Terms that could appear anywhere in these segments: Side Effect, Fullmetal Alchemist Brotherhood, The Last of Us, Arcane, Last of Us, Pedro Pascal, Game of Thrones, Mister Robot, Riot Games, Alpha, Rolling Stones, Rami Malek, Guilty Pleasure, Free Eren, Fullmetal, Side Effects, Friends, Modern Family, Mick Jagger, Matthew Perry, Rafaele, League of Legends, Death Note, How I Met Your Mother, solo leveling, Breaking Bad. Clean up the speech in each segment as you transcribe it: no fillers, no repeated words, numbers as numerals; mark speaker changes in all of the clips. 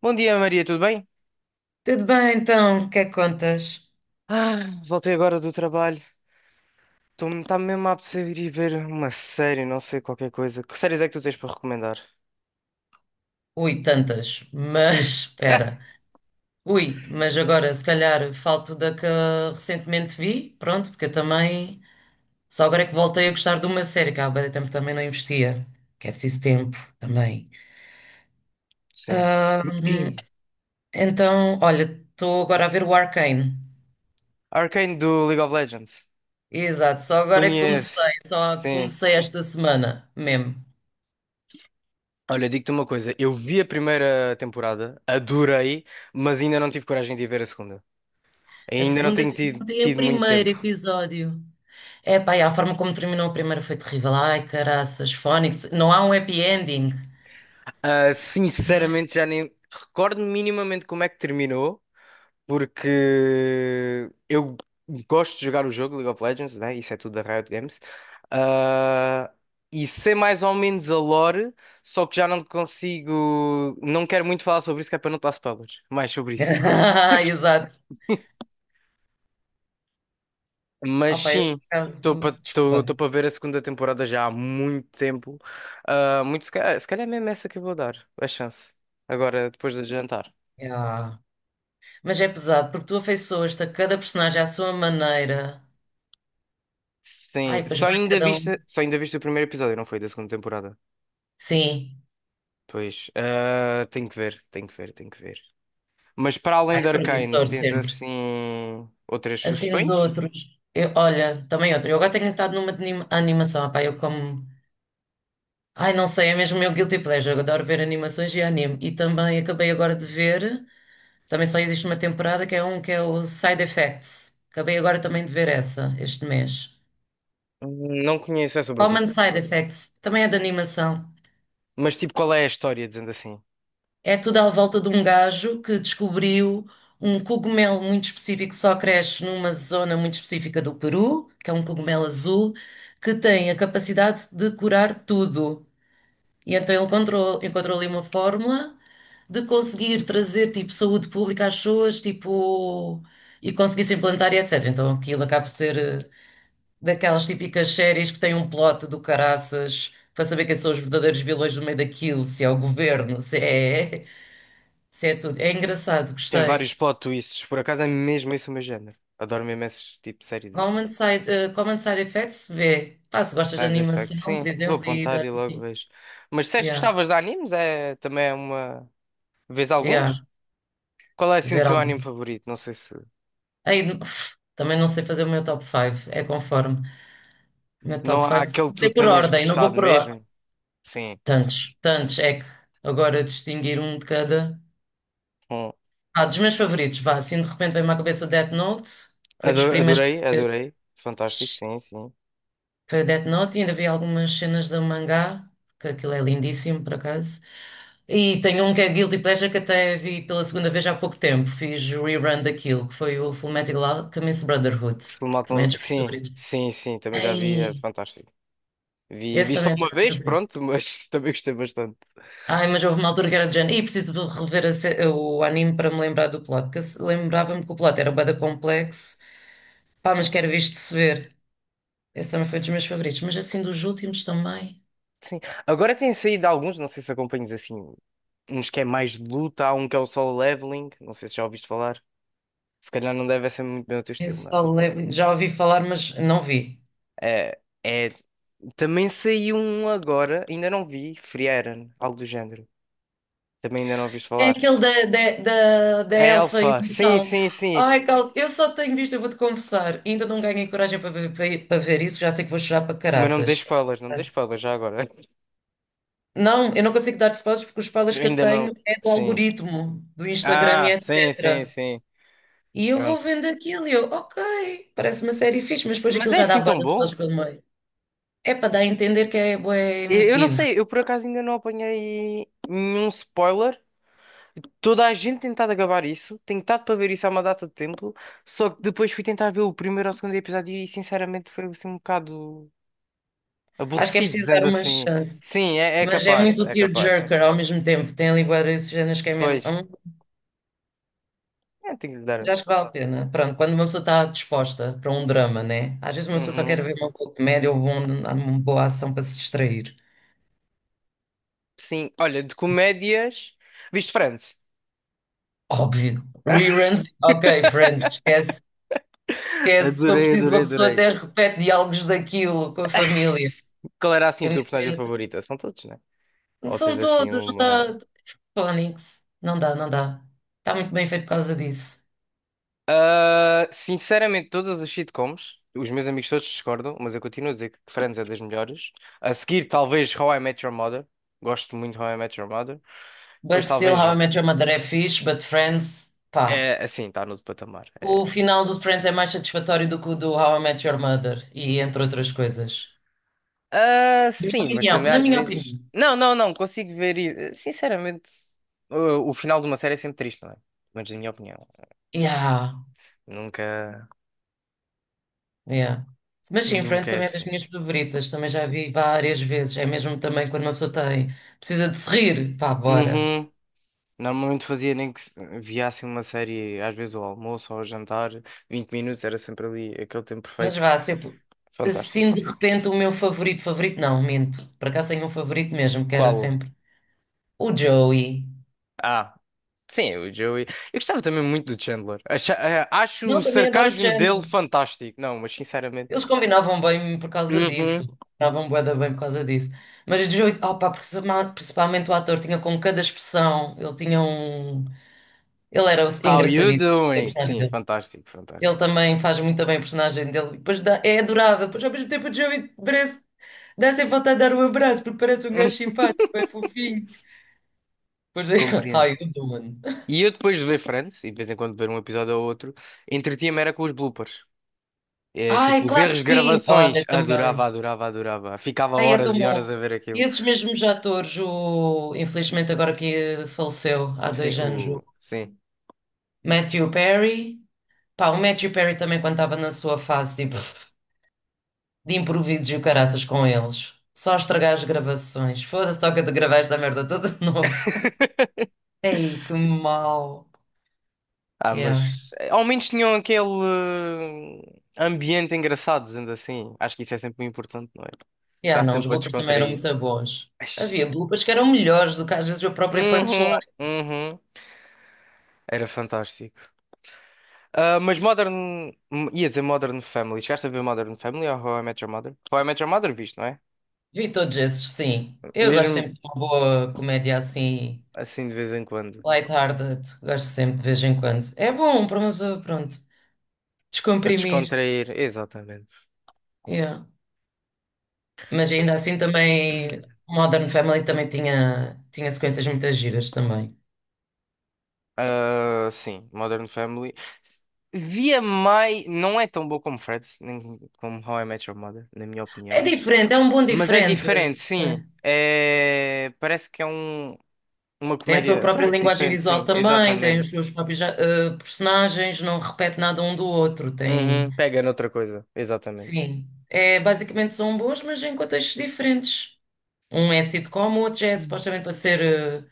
Speaker 1: Bom dia, Maria, tudo bem?
Speaker 2: Tudo bem, então, o que é que contas?
Speaker 1: Voltei agora do trabalho. Está-me mesmo a apetecer ir ver uma série, não sei, qualquer coisa. Que séries é que tu tens para recomendar?
Speaker 2: Ui, tantas, mas espera. Ui, mas agora se calhar falto da que recentemente vi, pronto, porque eu também só agora é que voltei a gostar de uma série que há bué de tempo também não investia, que é preciso tempo também.
Speaker 1: Sim.
Speaker 2: Ahm, então, olha, estou agora a ver o Arcane.
Speaker 1: Arcane do League of Legends.
Speaker 2: Exato, só agora é que comecei,
Speaker 1: Conheço.
Speaker 2: só
Speaker 1: Sim.
Speaker 2: comecei esta semana mesmo.
Speaker 1: Olha, digo-te uma coisa. Eu vi a primeira temporada, adorei, mas ainda não tive coragem de ir ver a segunda.
Speaker 2: A
Speaker 1: Ainda não
Speaker 2: segunda
Speaker 1: tenho
Speaker 2: vi
Speaker 1: tido,
Speaker 2: ontem o
Speaker 1: tido muito
Speaker 2: primeiro
Speaker 1: tempo.
Speaker 2: episódio. É pá, e a forma como terminou a primeira foi terrível. Ai, caraças, Fónix, não há um happy ending. Ai.
Speaker 1: Sinceramente, já nem recordo minimamente como é que terminou. Porque eu gosto de jogar o jogo League of Legends, né? Isso é tudo da Riot Games. Ah, e sei mais ou menos a lore, só que já não consigo. Não quero muito falar sobre isso, que é para não dar spoilers. Mais sobre isso.
Speaker 2: Exato.
Speaker 1: Mas
Speaker 2: Ah, pá, eu, por
Speaker 1: sim,
Speaker 2: acaso,
Speaker 1: estou
Speaker 2: desculpa.
Speaker 1: para ver a segunda temporada já há muito tempo. Ah, muito, se calhar é mesmo essa que eu vou dar a chance. Agora, depois de jantar.
Speaker 2: Ya. Mas é pesado, porque tu afeiçoas-te a cada personagem à sua maneira. Ai,
Speaker 1: Sim,
Speaker 2: pois vai cada um.
Speaker 1: só ainda viste o primeiro episódio, não foi? Da segunda temporada.
Speaker 2: Sim.
Speaker 1: Pois, ah, tenho que ver. Mas para além
Speaker 2: Ai,
Speaker 1: de
Speaker 2: é
Speaker 1: Arcane,
Speaker 2: promissor
Speaker 1: tens
Speaker 2: sempre.
Speaker 1: assim outras
Speaker 2: Assim dos
Speaker 1: sugestões?
Speaker 2: outros. Eu, olha, também outro. Eu agora tenho estado numa de animação. Ah, pá, eu como. Ai, não sei, é mesmo o meu guilty pleasure. Eu adoro ver animações e anime. E também acabei agora de ver. Também só existe uma temporada que é o Side Effects. Acabei agora também de ver essa este mês.
Speaker 1: Não conheço, é sobre o quê?
Speaker 2: Common Side Effects também é de animação.
Speaker 1: Mas tipo, qual é a história, dizendo assim?
Speaker 2: É tudo à volta de um gajo que descobriu um cogumelo muito específico que só cresce numa zona muito específica do Peru, que é um cogumelo azul, que tem a capacidade de curar tudo. E então ele encontrou ali uma fórmula de conseguir trazer tipo saúde pública às pessoas, tipo e conseguir se implantar e etc. Então aquilo acaba por ser daquelas típicas séries que têm um plot do caraças para saber quem são os verdadeiros vilões no meio daquilo, se é o governo, se é, se é tudo. É engraçado,
Speaker 1: Tem
Speaker 2: gostei.
Speaker 1: vários plot twists, por acaso é mesmo esse o meu género. Adoro mesmo esses tipo de séries assim.
Speaker 2: Common Side Effects, vê. Pá, se gostas de
Speaker 1: Side Effect,
Speaker 2: animação, por
Speaker 1: sim, vou
Speaker 2: exemplo, e
Speaker 1: apontar
Speaker 2: dar
Speaker 1: e logo
Speaker 2: assim.
Speaker 1: vejo. Mas se és que
Speaker 2: Yeah,
Speaker 1: gostavas de animes, também é uma. Vês
Speaker 2: yeah,
Speaker 1: alguns? Qual é assim o
Speaker 2: ver
Speaker 1: teu
Speaker 2: algo.
Speaker 1: anime favorito? Não sei se.
Speaker 2: Aí, também não sei fazer o meu top 5, é conforme. O meu top
Speaker 1: Não há aquele que
Speaker 2: 5,
Speaker 1: tu
Speaker 2: sei por
Speaker 1: tenhas
Speaker 2: ordem, não vou
Speaker 1: gostado
Speaker 2: por ordem.
Speaker 1: mesmo? Sim.
Speaker 2: Tantos, tantos, é que agora distinguir um de cada. Ah, dos meus favoritos, vá, assim de repente veio-me à cabeça o Death Note, foi dos primeiros
Speaker 1: Adorei,
Speaker 2: que eu-
Speaker 1: adorei. Fantástico, sim, sim.
Speaker 2: foi o Death Note e ainda vi algumas cenas do mangá, que aquilo é lindíssimo por acaso. E tem um que é Guilty Pleasure que até vi pela segunda vez há pouco tempo, fiz o rerun daquilo, que foi o Fullmetal Alchemist Brotherhood, também é dos meus
Speaker 1: Sim,
Speaker 2: favoritos.
Speaker 1: sim, sim, também já vi, é
Speaker 2: Ei,
Speaker 1: fantástico.
Speaker 2: esse
Speaker 1: Vi só
Speaker 2: também é dos
Speaker 1: uma
Speaker 2: meus
Speaker 1: vez,
Speaker 2: favoritos.
Speaker 1: pronto, mas também gostei bastante.
Speaker 2: Ai, mas houve uma altura que era de género, e preciso de rever a se- o anime para me lembrar do plot, porque lembrava-me que o plot era bué da complexo, pá, mas que era visto de se ver. Esse também foi dos meus favoritos, mas assim dos últimos também.
Speaker 1: Agora têm saído alguns, não sei se acompanhas assim, uns que é mais de luta, há um que é o Solo Leveling, não sei se já ouviste falar. Se calhar não deve ser muito bem o teu
Speaker 2: Eu
Speaker 1: estilo, não é?
Speaker 2: só levo, já ouvi falar, mas não vi.
Speaker 1: É, é- Também saiu um agora, ainda não vi, Free Eren, algo do género. Também ainda não ouviste
Speaker 2: É
Speaker 1: falar.
Speaker 2: aquele da
Speaker 1: É
Speaker 2: Elfa e o
Speaker 1: Alpha, sim,
Speaker 2: Mortal.
Speaker 1: sim, sim.
Speaker 2: Ai, Cal, eu só tenho visto, eu vou-te confessar. Ainda não ganhei coragem para ver, para ver isso, já sei que vou chorar para
Speaker 1: Mas não me dê
Speaker 2: caraças.
Speaker 1: spoilers, não me dê spoilers já agora.
Speaker 2: Não, eu não consigo dar spoilers porque os spoilers que eu
Speaker 1: Ainda não.
Speaker 2: tenho é do
Speaker 1: Sim.
Speaker 2: algoritmo, do Instagram e
Speaker 1: Ah, sim, sim,
Speaker 2: etc.
Speaker 1: sim.
Speaker 2: E eu vou
Speaker 1: Pronto.
Speaker 2: vendo aquilo e eu, ok, parece uma série fixe, mas depois
Speaker 1: Mas
Speaker 2: aquilo
Speaker 1: é
Speaker 2: já dá
Speaker 1: assim
Speaker 2: bué
Speaker 1: tão
Speaker 2: de spoilers
Speaker 1: bom?
Speaker 2: pelo meio. É para dar a entender que é bué
Speaker 1: Eu não
Speaker 2: emotivo.
Speaker 1: sei, eu por acaso ainda não apanhei nenhum spoiler. Toda a gente tem tentado acabar isso, tem tentado para ver isso há uma data de tempo, só que depois fui tentar ver o primeiro ou segundo episódio e sinceramente foi assim um bocado
Speaker 2: Acho que é
Speaker 1: aborrecido,
Speaker 2: preciso dar
Speaker 1: dizendo
Speaker 2: uma
Speaker 1: assim.
Speaker 2: chance.
Speaker 1: Sim, é,
Speaker 2: Mas é muito
Speaker 1: é capaz.
Speaker 2: tearjerker ao mesmo tempo. Tem ali bué de cenas que é mesmo.
Speaker 1: Pois, é, tenho que lhe dar.
Speaker 2: Já acho que vale a pena. Pronto, quando uma pessoa está disposta para um drama, né? Às vezes uma pessoa só
Speaker 1: Uhum.
Speaker 2: quer ver uma boa comédia ou uma boa ação para se distrair.
Speaker 1: Sim, olha, de comédias. Viste Friends?
Speaker 2: Óbvio. Reruns, ok, Friends, esquece. Esquece. Se for preciso, uma pessoa
Speaker 1: Adorei.
Speaker 2: até repete diálogos daquilo com a família.
Speaker 1: Qual era assim
Speaker 2: É
Speaker 1: a tua personagem
Speaker 2: mesmo-
Speaker 1: favorita? São todos, né? Ou tens
Speaker 2: São
Speaker 1: assim
Speaker 2: todos, não
Speaker 1: uma.
Speaker 2: dá. Phonics. Não dá, não dá. Está muito bem feito por causa disso.
Speaker 1: Ah, sinceramente, todas as sitcoms, os meus amigos todos discordam, mas eu continuo a dizer que Friends é das melhores. A seguir, talvez How I Met Your Mother. Gosto muito de How I Met Your Mother. Depois,
Speaker 2: But still,
Speaker 1: talvez.
Speaker 2: How I Met Your Mother é fixe, but Friends, pá.
Speaker 1: É assim, está no outro patamar. É...
Speaker 2: O final do Friends é mais satisfatório do que o do How I Met Your Mother, e entre outras coisas.
Speaker 1: Ah,
Speaker 2: Na minha
Speaker 1: sim, mas
Speaker 2: opinião,
Speaker 1: também
Speaker 2: na
Speaker 1: às
Speaker 2: minha
Speaker 1: vezes.
Speaker 2: opinião.
Speaker 1: Não, não, não, consigo ver. Sinceramente, o final de uma série é sempre triste, não é? Mas na minha opinião.
Speaker 2: Yeah,
Speaker 1: Nunca,
Speaker 2: yeah. Mas sim, Friends
Speaker 1: nunca é
Speaker 2: também é das
Speaker 1: assim.
Speaker 2: minhas favoritas, também já vi várias vezes. É mesmo também quando uma pessoa tem, precisa de se rir, pá, bora.
Speaker 1: Uhum. Normalmente fazia nem que via assim uma série, às vezes ao almoço ou ao jantar, 20 minutos, era sempre ali aquele tempo
Speaker 2: Mas
Speaker 1: perfeito.
Speaker 2: vá, sempre.
Speaker 1: Fantástico.
Speaker 2: Assim de repente o meu favorito, favorito não, minto. Por acaso tenho um favorito mesmo, que era
Speaker 1: Qual?
Speaker 2: sempre o Joey.
Speaker 1: Ah, sim, o Joey. Eu gostava também muito do Chandler. Acho o
Speaker 2: Não, também adoro o
Speaker 1: sarcasmo dele
Speaker 2: Chandler.
Speaker 1: fantástico. Não, mas sinceramente.
Speaker 2: Eles combinavam bem por causa
Speaker 1: Uhum.
Speaker 2: disso. Combinavam bué da bem por causa disso. Mas, opa, principalmente o ator tinha com cada expressão, ele tinha um... Ele era
Speaker 1: How you
Speaker 2: engraçadíssimo, a
Speaker 1: doing?
Speaker 2: personagem
Speaker 1: Sim, é
Speaker 2: dele.
Speaker 1: fantástico,
Speaker 2: Ele
Speaker 1: fantástico.
Speaker 2: também faz muito bem a personagem dele. Depois é adorável. Depois, ao mesmo tempo, o Joey parece... Dá sem vontade de dar um abraço, porque parece um gajo simpático, é fofinho. Depois, é, how
Speaker 1: Compreendo.
Speaker 2: you doing?
Speaker 1: E eu depois de ver Friends, e de vez em quando ver um episódio ou outro, entretinha-me era com os bloopers. É, tipo,
Speaker 2: Ai,
Speaker 1: os
Speaker 2: claro
Speaker 1: erros
Speaker 2: que
Speaker 1: de
Speaker 2: sim! Olha,
Speaker 1: gravações.
Speaker 2: também.
Speaker 1: Adorava. Ficava
Speaker 2: Ai, é
Speaker 1: horas
Speaker 2: tão
Speaker 1: e horas
Speaker 2: bom.
Speaker 1: a ver
Speaker 2: E
Speaker 1: aquilo.
Speaker 2: esses mesmos atores, o... infelizmente agora que faleceu há
Speaker 1: Sim,
Speaker 2: 2 anos, o
Speaker 1: o... Sim.
Speaker 2: Matthew Perry. Pá, o Matthew Perry também quando estava na sua fase, tipo, de improvisos e o caraças com eles. Só estragar as gravações. Foda-se, toca de gravar esta merda toda de novo. Ei, que mau. Yeah.
Speaker 1: Ao menos tinham aquele ambiente engraçado, dizendo assim. Acho que isso é sempre muito importante, não é? Dá
Speaker 2: Yeah, não,
Speaker 1: sempre
Speaker 2: os
Speaker 1: para
Speaker 2: bloopers também eram
Speaker 1: descontrair.
Speaker 2: muito bons.
Speaker 1: Mas-
Speaker 2: Havia bloopers que eram melhores do que às vezes o próprio
Speaker 1: Uhum,
Speaker 2: punchline.
Speaker 1: uhum. Era fantástico. Ah, mas Modern. Ia dizer Modern Family. Chegaste a ver Modern Family ou How I Met Your Mother? How I Met Your Mother, visto, não é?
Speaker 2: Vi todos esses, sim. Eu gosto
Speaker 1: Mesmo
Speaker 2: sempre de uma boa comédia assim
Speaker 1: assim de vez em quando.
Speaker 2: lighthearted, gosto sempre de vez em quando. É bom para uma pessoa, pronto,
Speaker 1: Para
Speaker 2: descomprimir.
Speaker 1: descontrair. Exatamente.
Speaker 2: Yeah. Mas ainda assim também, Modern Family também tinha sequências muito giras também.
Speaker 1: Ah, sim, Modern Family. Via mais. Não é tão boa como Fred, nem como How I Met Your Mother, na minha
Speaker 2: É
Speaker 1: opinião.
Speaker 2: diferente, é um bom
Speaker 1: Mas é
Speaker 2: diferente.
Speaker 1: diferente,
Speaker 2: É.
Speaker 1: sim. É... Parece que é um... uma
Speaker 2: Tem a sua
Speaker 1: comédia.
Speaker 2: própria
Speaker 1: Pronto,
Speaker 2: linguagem
Speaker 1: diferente,
Speaker 2: visual
Speaker 1: sim,
Speaker 2: também, tem
Speaker 1: exatamente.
Speaker 2: os seus próprios personagens, não repete nada um do outro. Tem,
Speaker 1: Uhum, pega noutra coisa, exatamente.
Speaker 2: sim, é, basicamente são boas, mas em contextos diferentes. Um é sitcom, o outro já é supostamente para ser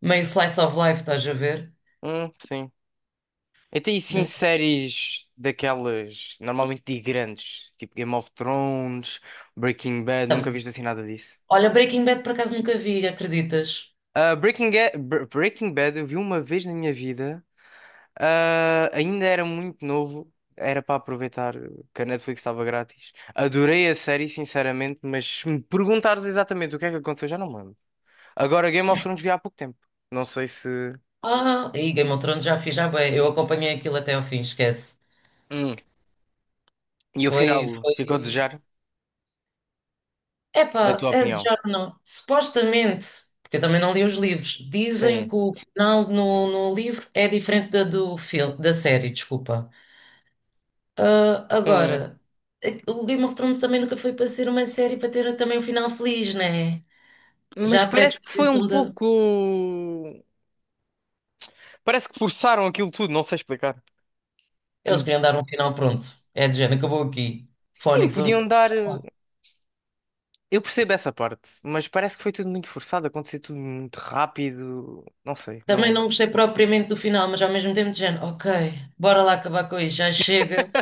Speaker 2: meio slice of life, estás a ver?
Speaker 1: Sim. Até e sim séries daquelas normalmente de grandes, tipo Game of Thrones, Breaking Bad, nunca viste assim nada disso.
Speaker 2: Olha, Breaking Bad por acaso nunca vi, acreditas?
Speaker 1: Breaking Bad eu vi uma vez na minha vida. Ah, ainda era muito novo, era para aproveitar que a Netflix estava grátis. Adorei a série, sinceramente, mas se me perguntares exatamente o que é que aconteceu, já não me lembro. Agora, Game of Thrones vi há pouco tempo. Não sei se.
Speaker 2: Ah, e Game of Thrones já fiz, já bem. Eu acompanhei aquilo até ao fim, esquece.
Speaker 1: Hum. E o
Speaker 2: Foi,
Speaker 1: final ficou a
Speaker 2: foi.
Speaker 1: desejar, na
Speaker 2: Epá,
Speaker 1: tua
Speaker 2: é
Speaker 1: opinião?
Speaker 2: desejar ou não. Supostamente, porque eu também não li os livros, dizem
Speaker 1: Sim.
Speaker 2: que o final no livro é diferente da do filme, da série, desculpa. Ah,
Speaker 1: Hum.
Speaker 2: agora, o Game of Thrones também nunca foi para ser uma série para ter também um final feliz, né? Já
Speaker 1: Mas
Speaker 2: a
Speaker 1: parece que foi um
Speaker 2: pré-disposição de.
Speaker 1: pouco. Parece que forçaram aquilo tudo, não sei explicar.
Speaker 2: Eles
Speaker 1: Hum.
Speaker 2: queriam dar um final pronto. É de género, acabou aqui.
Speaker 1: Sim,
Speaker 2: Fónix, vamos.
Speaker 1: podiam dar.
Speaker 2: Ah,
Speaker 1: Eu percebo essa parte, mas parece que foi tudo muito forçado, aconteceu tudo muito rápido. Não sei,
Speaker 2: também
Speaker 1: não.
Speaker 2: não gostei propriamente do final, mas ao mesmo tempo de género, ok, bora lá acabar com isto, já chega.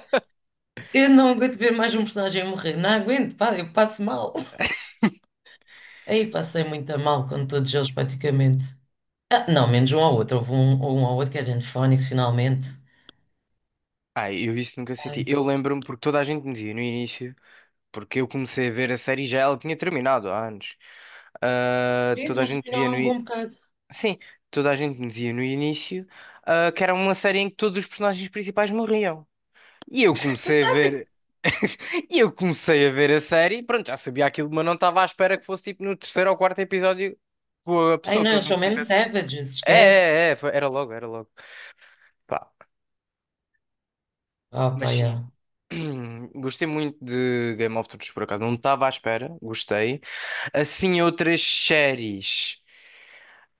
Speaker 2: Eu não aguento ver mais um personagem morrer, não aguento, pá, eu passo mal. Aí passei muito a mal com todos eles praticamente. Ah, não, menos um ao outro, houve um ao outro que é gente Phoenix finalmente.
Speaker 1: Ah, eu isso nunca senti.
Speaker 2: Ai,
Speaker 1: Eu lembro-me porque toda a gente me dizia no início, porque eu comecei a ver a série e já ela tinha terminado há anos. Ah,
Speaker 2: gente,
Speaker 1: toda a
Speaker 2: já
Speaker 1: gente
Speaker 2: terminou
Speaker 1: dizia
Speaker 2: há
Speaker 1: no
Speaker 2: um
Speaker 1: i-
Speaker 2: bom bocado.
Speaker 1: Sim, toda a gente me dizia no início, ah, que era uma série em que todos os personagens principais morriam. E eu comecei a ver, e eu comecei a ver a série, pronto, já sabia aquilo, mas não estava à espera que fosse tipo no terceiro ou quarto episódio com a
Speaker 2: Ai
Speaker 1: pessoa
Speaker 2: não,
Speaker 1: que eles
Speaker 2: eles
Speaker 1: não
Speaker 2: são mesmo
Speaker 1: tivessem.
Speaker 2: savages,
Speaker 1: É,
Speaker 2: esquece.
Speaker 1: é, é, era logo, era logo. Pá,
Speaker 2: Ah,
Speaker 1: mas
Speaker 2: pá,
Speaker 1: sim,
Speaker 2: yeah.
Speaker 1: gostei muito de Game of Thrones, por acaso. Não estava à espera, gostei. Assim, outras séries.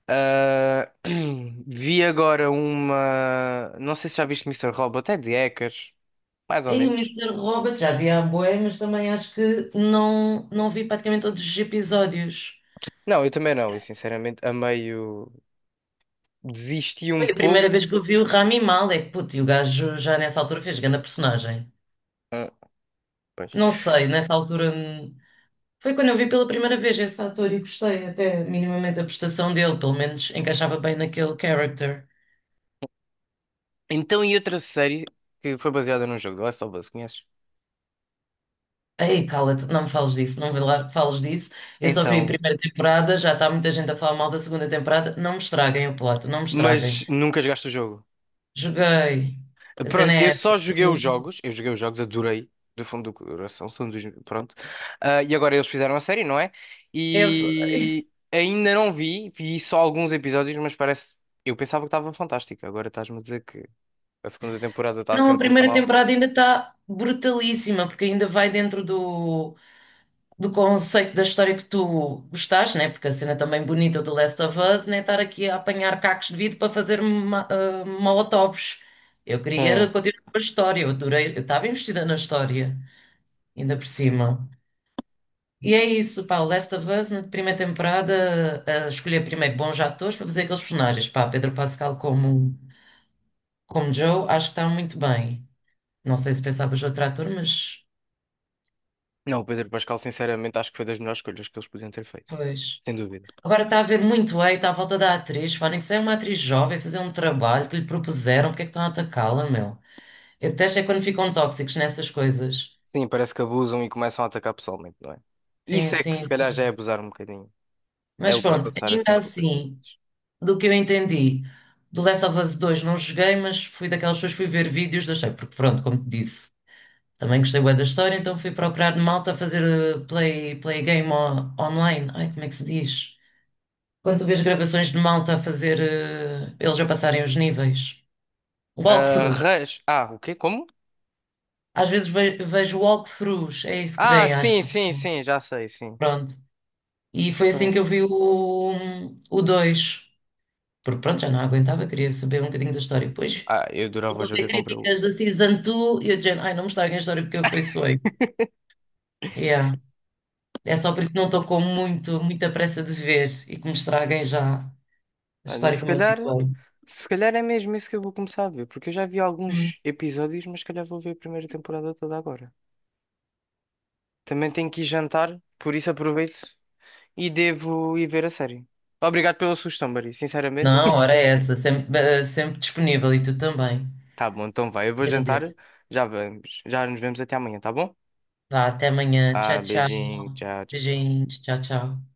Speaker 1: Ah, vi agora uma. Não sei se já viste Mister Robot, é de hackers, mais ou
Speaker 2: Aí o
Speaker 1: menos.
Speaker 2: Mister Robot já vi há bué, mas também acho que não, não vi praticamente todos os episódios.
Speaker 1: Não, eu também não, eu sinceramente a meio desisti
Speaker 2: Foi
Speaker 1: um
Speaker 2: a primeira vez
Speaker 1: pouco.
Speaker 2: que eu vi o Rami Malek, puto, e o gajo já nessa altura fez grande personagem.
Speaker 1: Ah, pois.
Speaker 2: Não sei, nessa altura foi quando eu vi pela primeira vez esse ator e gostei até minimamente da prestação dele, pelo menos encaixava bem naquele character.
Speaker 1: Então, e outra série que foi baseada num jogo, The Last of Us, conheces?
Speaker 2: Ei, cala-te, não me fales disso, não me la- fales disso. Eu só vi a
Speaker 1: Então,
Speaker 2: primeira temporada, já está muita gente a falar mal da segunda temporada. Não me estraguem o plot, não me estraguem.
Speaker 1: mas nunca jogaste o jogo.
Speaker 2: Joguei. A cena
Speaker 1: Pronto, eu
Speaker 2: é essa.
Speaker 1: só joguei os
Speaker 2: Eu,
Speaker 1: jogos, eu joguei os jogos, adorei, do fundo do coração, são dos, pronto. Ah, e agora eles fizeram a série, não é?
Speaker 2: eu, sou-
Speaker 1: E ainda não vi, vi só alguns episódios, mas parece, eu pensava que estava fantástico, agora estás-me a dizer que a segunda temporada está assim
Speaker 2: não, a
Speaker 1: um pouco
Speaker 2: primeira
Speaker 1: mal.
Speaker 2: temporada ainda está brutalíssima, porque ainda vai dentro do conceito da história que tu gostaste, né? Porque a cena também bonita do Last of Us, né? Estar aqui a apanhar cacos de vidro para fazer molotovs. Eu queria era
Speaker 1: Hum.
Speaker 2: continuar com a história, eu adorei, eu estava investida na história, ainda por cima. E é isso, pá, o Last of Us, na primeira temporada, a escolher primeiro bons atores para fazer aqueles personagens, pá, Pedro Pascal como, Joe, acho que está muito bem. Não sei se pensavas outro ator, mas
Speaker 1: Não, o Pedro Pascal, sinceramente, acho que foi das melhores escolhas que eles podiam ter feito,
Speaker 2: pois.
Speaker 1: sem dúvida.
Speaker 2: Agora está a haver muito hate à volta da atriz. Pá, nem que seja uma atriz jovem fazer um trabalho que lhe propuseram, porque é que estão a atacá-la, meu? Eu detesto é quando ficam tóxicos nessas coisas.
Speaker 1: Sim, parece que abusam e começam a atacar pessoalmente, não é?
Speaker 2: Sim,
Speaker 1: Isso é que se
Speaker 2: sim,
Speaker 1: calhar
Speaker 2: sim.
Speaker 1: já é abusar um bocadinho, é
Speaker 2: Mas pronto,
Speaker 1: ultrapassar assim
Speaker 2: ainda
Speaker 1: um pouco as
Speaker 2: assim,
Speaker 1: limites.
Speaker 2: do que eu entendi, do Last of Us 2 não joguei, mas fui daquelas pessoas que fui ver vídeos, deixei, porque pronto, como te disse, também gostei bué da história, então fui procurar malta a fazer play game online. Ai, como é que se diz? Quando tu vês gravações de malta a fazer, eles a passarem os níveis.
Speaker 1: Ah,
Speaker 2: Walkthroughs.
Speaker 1: res... Ah, o quê? Como?
Speaker 2: Às vezes vejo walkthroughs, é isso que
Speaker 1: Ah,
Speaker 2: vem às
Speaker 1: sim,
Speaker 2: vezes,
Speaker 1: sim,
Speaker 2: né?
Speaker 1: sim, já sei, sim.
Speaker 2: Pronto. E foi assim
Speaker 1: Pronto.
Speaker 2: que eu vi o dois. Porque pronto, já não aguentava, queria saber um bocadinho da história. Depois
Speaker 1: Ah, eu adorava o
Speaker 2: estou a
Speaker 1: jogo
Speaker 2: ver
Speaker 1: e comprei o.
Speaker 2: críticas da Season 2 e eu dizendo, ai, não me estraguem a história porque eu feiçoei. Yeah. É só por isso que não estou com muita pressa de ver e que me estraguem já a
Speaker 1: Olha,
Speaker 2: história que me habituei.
Speaker 1: se calhar é mesmo isso que eu vou começar a ver, porque eu já vi
Speaker 2: Hum.
Speaker 1: alguns episódios, mas se calhar vou ver a primeira temporada toda agora. Também tenho que ir jantar, por isso aproveito e devo ir ver a série. Obrigado pela sugestão, Mari, sinceramente.
Speaker 2: Não, ora é essa, sempre, sempre disponível e tu também.
Speaker 1: Tá bom, então vai, eu vou jantar,
Speaker 2: Agradeço.
Speaker 1: já vamos, já nos vemos até amanhã, tá bom?
Speaker 2: Vá, até amanhã.
Speaker 1: Ah,
Speaker 2: Tchau, tchau.
Speaker 1: beijinho, tchau, tchau, tchau.
Speaker 2: Beijinhos. Tchau, tchau.